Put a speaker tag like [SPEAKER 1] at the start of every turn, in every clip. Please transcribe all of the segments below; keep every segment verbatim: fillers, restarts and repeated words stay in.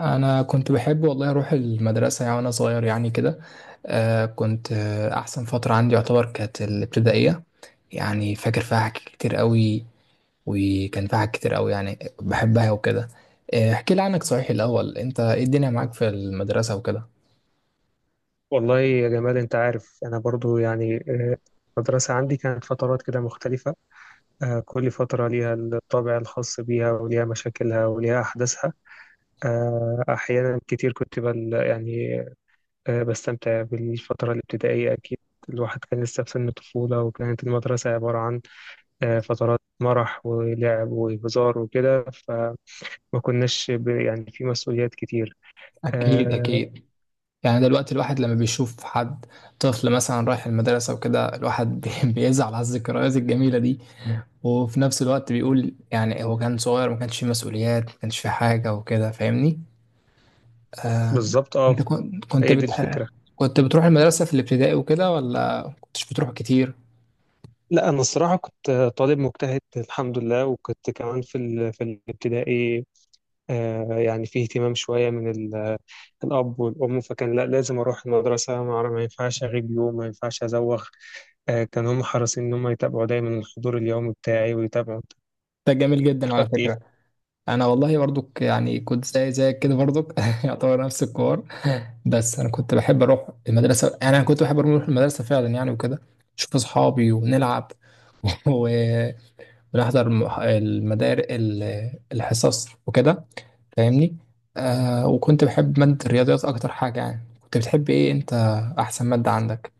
[SPEAKER 1] انا كنت بحب والله اروح المدرسه يعني وانا صغير يعني كده. آه كنت آه احسن فتره عندي يعتبر كانت الابتدائيه. يعني فاكر فيها حاجات كتير قوي. وكان فيها حاجات كتير قوي يعني بحبها وكده. آه، احكي لي عنك صحيح الاول، انت ايه الدنيا معاك في المدرسه وكده؟
[SPEAKER 2] والله يا جمال، انت عارف، انا برضو يعني آه، المدرسة عندي كانت فترات كده مختلفة. آه، كل فترة ليها الطابع الخاص بيها وليها مشاكلها وليها أحداثها. آه، أحيانا كتير كنت بل يعني آه، بستمتع بالفترة الابتدائية أكيد. الواحد كان لسه في سن الطفولة، وكانت المدرسة عبارة عن آه، فترات مرح ولعب وهزار وكده، فما كناش ب- يعني في مسؤوليات كتير.
[SPEAKER 1] اكيد
[SPEAKER 2] آه،
[SPEAKER 1] اكيد. يعني دلوقتي الواحد لما بيشوف حد طفل مثلا رايح المدرسه وكده، الواحد بي- بيزعل على الذكريات الجميله دي. وفي نفس الوقت بيقول يعني هو كان صغير ما كانش فيه مسؤوليات، ما كانش فيه حاجة وكده، فاهمني؟ آه.
[SPEAKER 2] بالظبط، اه.
[SPEAKER 1] انت كن- كنت
[SPEAKER 2] هي دي
[SPEAKER 1] بتح...
[SPEAKER 2] الفكرة.
[SPEAKER 1] كنت بتروح المدرسة في الابتدائي وكده ولا كنتش بتروح كتير؟
[SPEAKER 2] لا، انا الصراحه كنت طالب مجتهد الحمد لله، وكنت كمان في ال- في الابتدائي. آه، يعني في اهتمام شويه من ال- الاب والام، فكان لا، لازم اروح المدرسه، ما أعرف- ما ينفعش اغيب يوم، ما ينفعش ازوغ. آه، كان هم حريصين ان هم يتابعوا دايما الحضور اليومي بتاعي ويتابعوا.
[SPEAKER 1] ده جميل جدا على
[SPEAKER 2] اخدت ايه.
[SPEAKER 1] فكرة. انا والله برضك يعني كنت زي زيك كده برضك، يعتبر نفس الكور. بس انا كنت بحب اروح المدرسة، يعني انا كنت بحب اروح المدرسة فعلا يعني وكده. اشوف اصحابي ونلعب و- ونحضر الم- المدار ال- الحصص وكده. فاهمني؟ آه. وكنت بحب مادة الرياضيات أكتر حاجة. يعني كنت بتحب إيه أنت؟ أحسن مادة عندك؟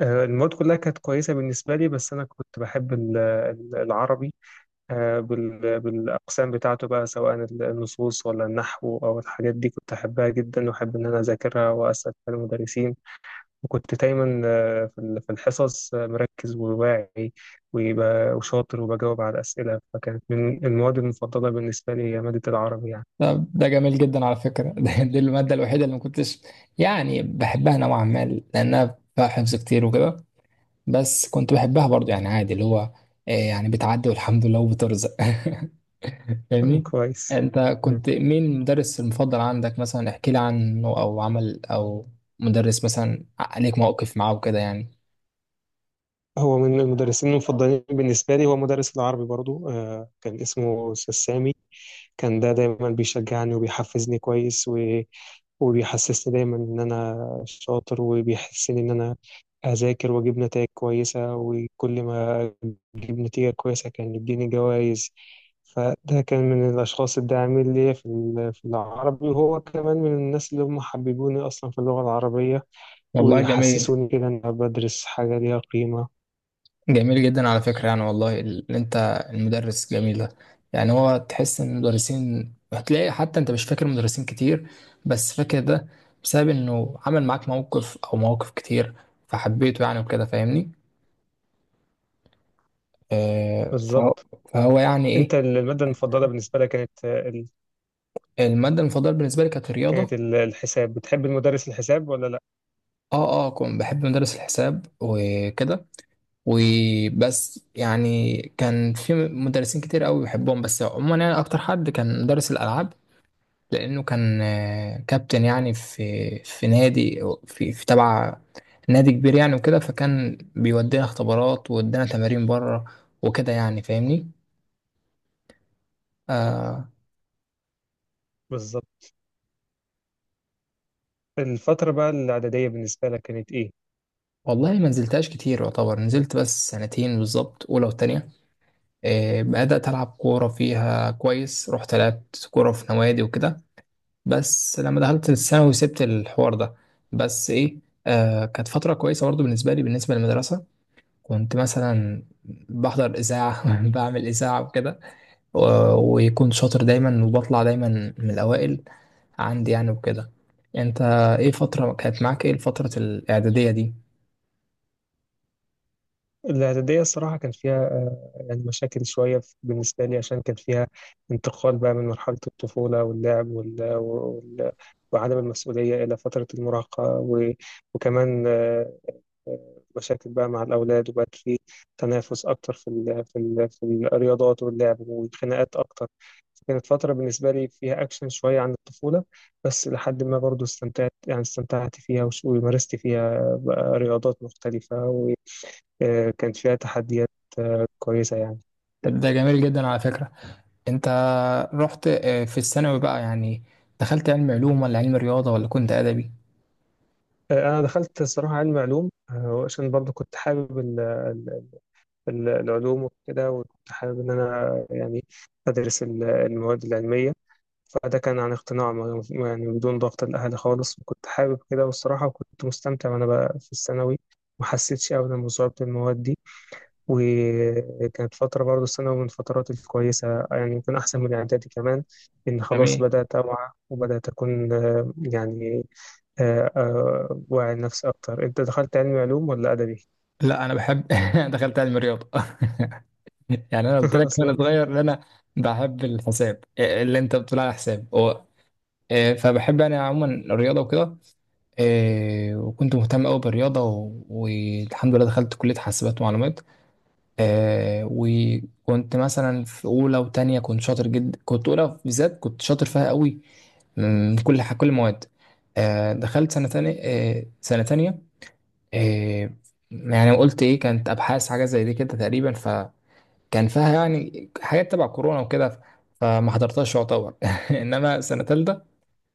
[SPEAKER 2] آه، المواد كلها كانت كويسه بالنسبه لي، بس انا كنت بحب ال- ال- العربي. آه، بال- بالأقسام بتاعته بقى، سواء النصوص ولا النحو أو الحاجات دي، كنت أحبها جدا وأحب إن أنا أذاكرها وأسأل فيها المدرسين. وكنت دايما آه، في ال- في الحصص آه، مركز وواعي ويبقى وشاطر وبجاوب على الأسئلة، فكانت من المواد المفضلة بالنسبة لي هي مادة العربي يعني.
[SPEAKER 1] طب ده جميل جدا على فكرة. ده دي المادة الوحيدة اللي ما كنتش يعني بحبها نوعا ما، لأنها فيها حفظ كتير وكده. بس كنت بحبها برضه يعني، عادي اللي هو آه يعني بتعدي والحمد لله وبترزق.
[SPEAKER 2] آه،
[SPEAKER 1] فاهمني؟
[SPEAKER 2] كويس.
[SPEAKER 1] أنت
[SPEAKER 2] مم.
[SPEAKER 1] كنت مين المدرس المفضل عندك؟ مثلا احكي لي عنه أو عمل، أو مدرس مثلا عليك موقف معاه وكده يعني.
[SPEAKER 2] هو من المدرسين المفضلين بالنسبة لي هو مدرس العربي برضو. آه، كان اسمه أستاذ سامي. كان ده دايما بيشجعني وبيحفزني كويس، وبيحسسني دايما إن أنا شاطر، وبيحسسني إن أنا أذاكر وأجيب نتائج كويسة، وكل ما أجيب نتيجة كويسة كان يديني جوائز. فده كان من الأشخاص الداعمين ليا في ال- في العربي، وهو كمان من الناس اللي هم حببوني أصلا في اللغة العربية،
[SPEAKER 1] والله جميل.
[SPEAKER 2] ويحسسوني كده إن أنا بدرس حاجة ليها قيمة.
[SPEAKER 1] جميل جدا على فكرة يعني، والله اللي انت، المدرس جميل ده. يعني هو تحس ان المدرسين هتلاقي حتى انت مش فاكر مدرسين كتير، بس فاكر ده بسبب انه عمل معاك موقف او مواقف كتير، فحبيته يعني وكده. فاهمني؟ آه. فهو,
[SPEAKER 2] بالظبط.
[SPEAKER 1] فهو يعني
[SPEAKER 2] أنت
[SPEAKER 1] ايه؟
[SPEAKER 2] المادة المفضلة بالنسبة لك كانت ال...
[SPEAKER 1] المادة المفضلة بالنسبة لي كانت
[SPEAKER 2] كانت
[SPEAKER 1] الرياضة.
[SPEAKER 2] ال- الحساب، بتحب المدرس الحساب ولا لأ؟
[SPEAKER 1] اه اه، كنت بحب مدرس الحساب وكده. وبس يعني كان في مدرسين كتير قوي بحبهم، بس عموما يعني اكتر حد كان مدرس الالعاب، لأنه كان آه، كابتن يعني في في نادي، في في تبع نادي كبير يعني وكده، فكان بيودينا اختبارات، وودينا تمارين بره وكده يعني. فاهمني؟ آه.
[SPEAKER 2] بالظبط. الفترة بقى الإعدادية بالنسبة لك كانت إيه؟
[SPEAKER 1] والله ما نزلتهاش كتير، يعتبر نزلت بس سنتين بالظبط، أولى وتانية. آه بدأت ألعب كورة فيها كويس، رحت لعبت كورة في نوادي وكده. بس لما دخلت الثانوي سبت الحوار ده. بس إيه، آه، كانت فترة كويسة برضه بالنسبة لي بالنسبة للمدرسة. كنت مثلا بحضر إذاعة، بعمل إذاعة وكده، و- ويكون شاطر دايما، وبطلع دايما من الأوائل عندي يعني وكده. أنت إيه فترة كانت معاك، إيه الفترة الإعدادية دي؟
[SPEAKER 2] الاعدادية الصراحة كان فيها آه، يعني مشاكل شوية في- بالنسبة لي، عشان كان فيها انتقال بقى من مرحلة الطفولة واللعب وال... وال... وعدم المسؤولية إلى فترة المراهقة و... وكمان آه، آه، مشاكل بقى مع الأولاد، وبقت في تنافس أكتر في ال... في ال... في الرياضات واللعب والخناقات أكتر. كانت فترة بالنسبة لي فيها أكشن شوية عن الطفولة، بس لحد ما برضو استمتعت، يعني استمتعت فيها وش- ومارست فيها بقى رياضات مختلفة. آه، كانت فيها تحديات كويسة يعني.
[SPEAKER 1] طب ده جميل جدا على فكرة. أنت رحت آه، في الثانوي بقى يعني دخلت علم علوم ولا علم رياضة ولا كنت أدبي؟
[SPEAKER 2] آه، أنا دخلت الصراحة علم علوم، آه، عشان برضه كنت حابب ال- ال- ال- العلوم وكده، وكنت حابب إن أنا يعني أدرس ال- المواد العلمية. فده كان عن اقتناع، ما- يعني بدون ضغط الأهل خالص، وكنت حابب كده، والصراحة كنت مستمتع وأنا بقى في الثانوي، ما حسيتش أبدا بصعوبة المواد دي. وكانت فترة برضه الثانوي من الفترات الكويسة، يعني يمكن أحسن من الإعدادي كمان، إن خلاص
[SPEAKER 1] جميل.
[SPEAKER 2] بدأت أوعى وبدأت أكون آه، يعني آه، آه، واعي نفسي أكتر. أنت دخلت علمي علوم ولا أدبي؟
[SPEAKER 1] لا، أنا بحب، دخلت علم رياضة. يعني أنا قلت لك وأنا
[SPEAKER 2] أصلا.
[SPEAKER 1] صغير إن أنا بحب الحساب، اللي أنت بتقول على حساب. آه، فبحب انا عموما الرياضه وكده. آه، وكنت مهتم قوي بالرياضه، و- والحمد لله دخلت كليه حاسبات ومعلومات. آه، وكنت مثلا في اولى وتانية كنت شاطر جدا. كنت اولى بالذات كنت شاطر فيها قوي، من كل ح- كل المواد. آه، دخلت سنه تانية، آه، سنه تانية آه، يعني قلت ايه، كانت ابحاث حاجه زي دي كده تقريبا. فكان فيها يعني حاجات تبع كورونا وكده، فما حضرتهاش يعتبر. انما سنه تالتة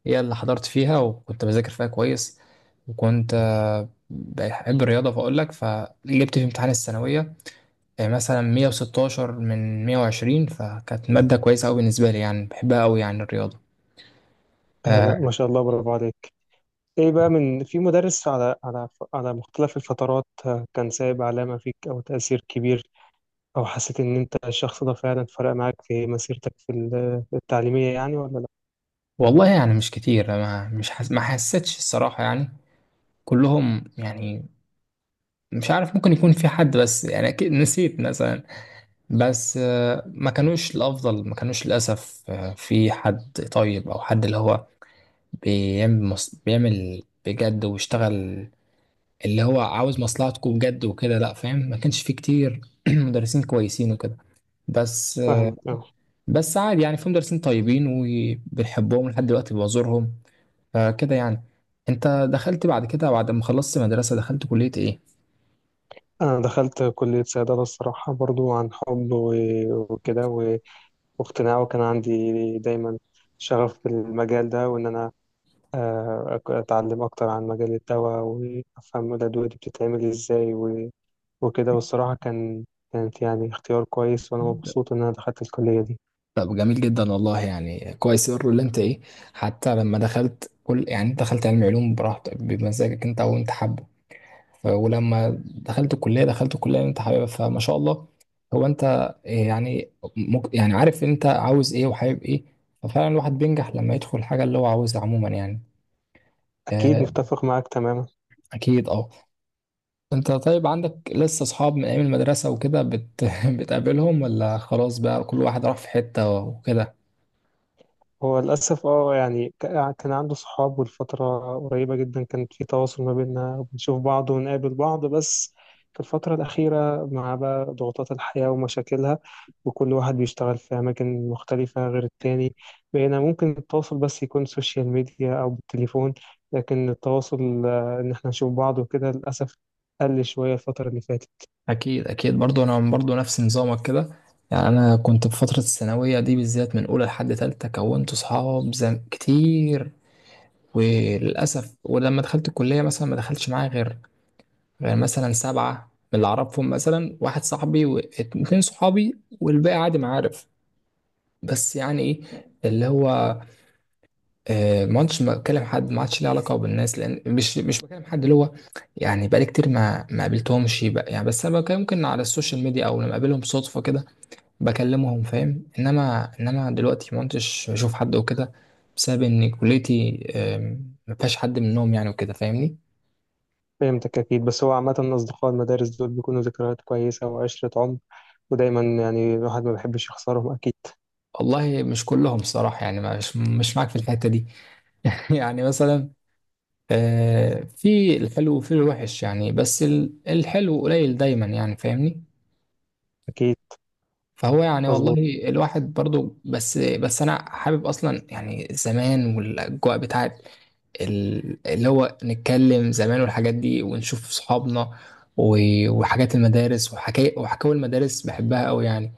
[SPEAKER 1] هي اللي حضرت فيها، وكنت بذاكر فيها كويس، وكنت آه، بحب الرياضة، فأقول لك فجبت في امتحان الثانوية آه، مثلا مية وستاشر من مية وعشرين. فكانت مادة كويسة أوي بالنسبة لي يعني، بحبها أوي يعني الرياضة.
[SPEAKER 2] آه،
[SPEAKER 1] آه،
[SPEAKER 2] لا، ما شاء الله، برافو عليك. ايه بقى، من في مدرس على على على مختلف الفترات آه، كان سايب علامة فيك او تأثير كبير، او حسيت ان انت الشخص ده فعلا فرق معاك في مسيرتك في ال- التعليمية يعني، ولا لا؟
[SPEAKER 1] والله يعني مش كتير، ما مش حس... ما حسيتش الصراحة يعني. كلهم يعني مش عارف، ممكن يكون في حد بس يعني أكيد نسيت مثلا. بس آه، ما كانوش الأفضل، ما كانوش للأسف آه، في حد طيب أو حد اللي هو بيعمل مص... بيعمل بجد واشتغل، اللي هو عاوز مصلحتكم بجد وكده. لا فاهم، ما كانش فيه كتير مدرسين كويسين وكده. بس
[SPEAKER 2] فاهمك، اه.
[SPEAKER 1] بس عادي يعني، في مدرسين طيبين وبنحبهم لحد دلوقتي بزورهم، فكده يعني. انت دخلت بعد كده، بعد ما خلصت مدرسة دخلت كلية ايه؟
[SPEAKER 2] انا دخلت كلية صيدلة الصراحة برضو عن حب و- وكده و- واقتناع، وكان عندي دايما شغف بالمجال ده، وان انا آه، أك- أتعلم أكتر عن مجال الدواء، وأفهم الأدوية دي بتتعمل إزاي و- وكده. والصراحة كان كانت يعني اختيار كويس، وأنا مبسوط إن أنا دخلت الكلية دي.
[SPEAKER 1] طب جميل جدا والله يعني، كويس يقول اللي انت ايه. حتى لما دخلت كل يعني، انت دخلت علم علوم براحتك بمزاجك انت وانت حابه، ف- ولما دخلت الكليه دخلت الكليه اللي انت حاببها، فما شاء الله. هو انت إيه يعني، مك يعني عارف انت عاوز ايه وحابب ايه. ففعلا الواحد بينجح لما يدخل الحاجه اللي هو عاوزها عموما يعني.
[SPEAKER 2] أكيد
[SPEAKER 1] آه،
[SPEAKER 2] متفق معاك تماما.
[SPEAKER 1] اكيد اه. انت طيب عندك لسه اصحاب من ايام المدرسه وكده، بت... بتقابلهم ولا خلاص بقى كل واحد راح في حته وكده؟
[SPEAKER 2] هو للأسف، اه، يعني ك- كان عنده صحاب، والفترة قريبة جدا كان في تواصل ما بيننا، بنشوف بعض ونقابل بعض، بس في الفترة الأخيرة مع بقى ضغوطات الحياة ومشاكلها، وكل واحد بيشتغل في أماكن مختلفة غير التاني، بقينا ممكن التواصل بس يكون سوشيال ميديا أو بالتليفون، لكن التواصل آه، إن احنا نشوف بعض وكده للأسف قل شوية الفترة اللي فاتت.
[SPEAKER 1] اكيد اكيد. برضو انا برضو نفس نظامك كده. يعني انا كنت في فتره الثانويه دي بالذات من اولى لحد تالتة، كونت اصحاب زم... كتير. وللأسف، ولما دخلت الكلية مثلا ما دخلتش معايا غير، غير مثلا سبعة من اللي أعرفهم، مثلا واحد صاحبي واتنين صحابي، والباقي عادي معارف. بس يعني إيه، اللي هو آه، ما عدتش بكلم حد، ما عادش ليه علاقة بالناس، لأن مش مش بكلم حد اللي هو يعني. بقالي كتير ما ما قابلتهمش بقى يعني، بس أنا بكلم ممكن على السوشيال ميديا أو لما أقابلهم صدفة كده بكلمهم. فاهم إنما، إنما دلوقتي ما عدتش بشوف حد وكده، بسبب إن كليتي آم، ما فيهاش حد منهم يعني وكده. فاهمني؟
[SPEAKER 2] فهمتك أكيد، بس هو عامة أصدقاء المدارس دول بيكونوا ذكريات كويسة وعشرة عمر، ودايما يعني الواحد ما بيحبش يخسرهم أكيد.
[SPEAKER 1] والله مش كلهم صراحة يعني، مش مش معاك في الحتة دي. يعني مثلا آه، في الحلو وفي الوحش يعني، بس ال- الحلو قليل دايما يعني. فاهمني؟
[SPEAKER 2] أكيد.
[SPEAKER 1] فهو يعني
[SPEAKER 2] مظبوط.
[SPEAKER 1] والله الواحد برضو، بس بس انا حابب اصلا يعني زمان، والاجواء بتاعت ال- اللي هو، نتكلم زمان والحاجات دي، ونشوف صحابنا، و- وحاجات المدارس، وحكاية وحكاوي المدارس بحبها قوي يعني.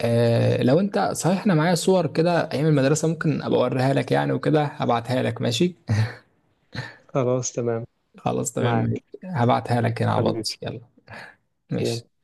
[SPEAKER 1] آه، لو انت صحيح، انا معايا صور كده ايام المدرسه، ممكن ابقى اوريها لك يعني وكده، هبعتها لك ماشي.
[SPEAKER 2] خلاص تمام.
[SPEAKER 1] خلاص تمام،
[SPEAKER 2] معاك
[SPEAKER 1] هبعتها لك هنا على
[SPEAKER 2] حبيبي.
[SPEAKER 1] الواتس، يلا ماشي.
[SPEAKER 2] يلا.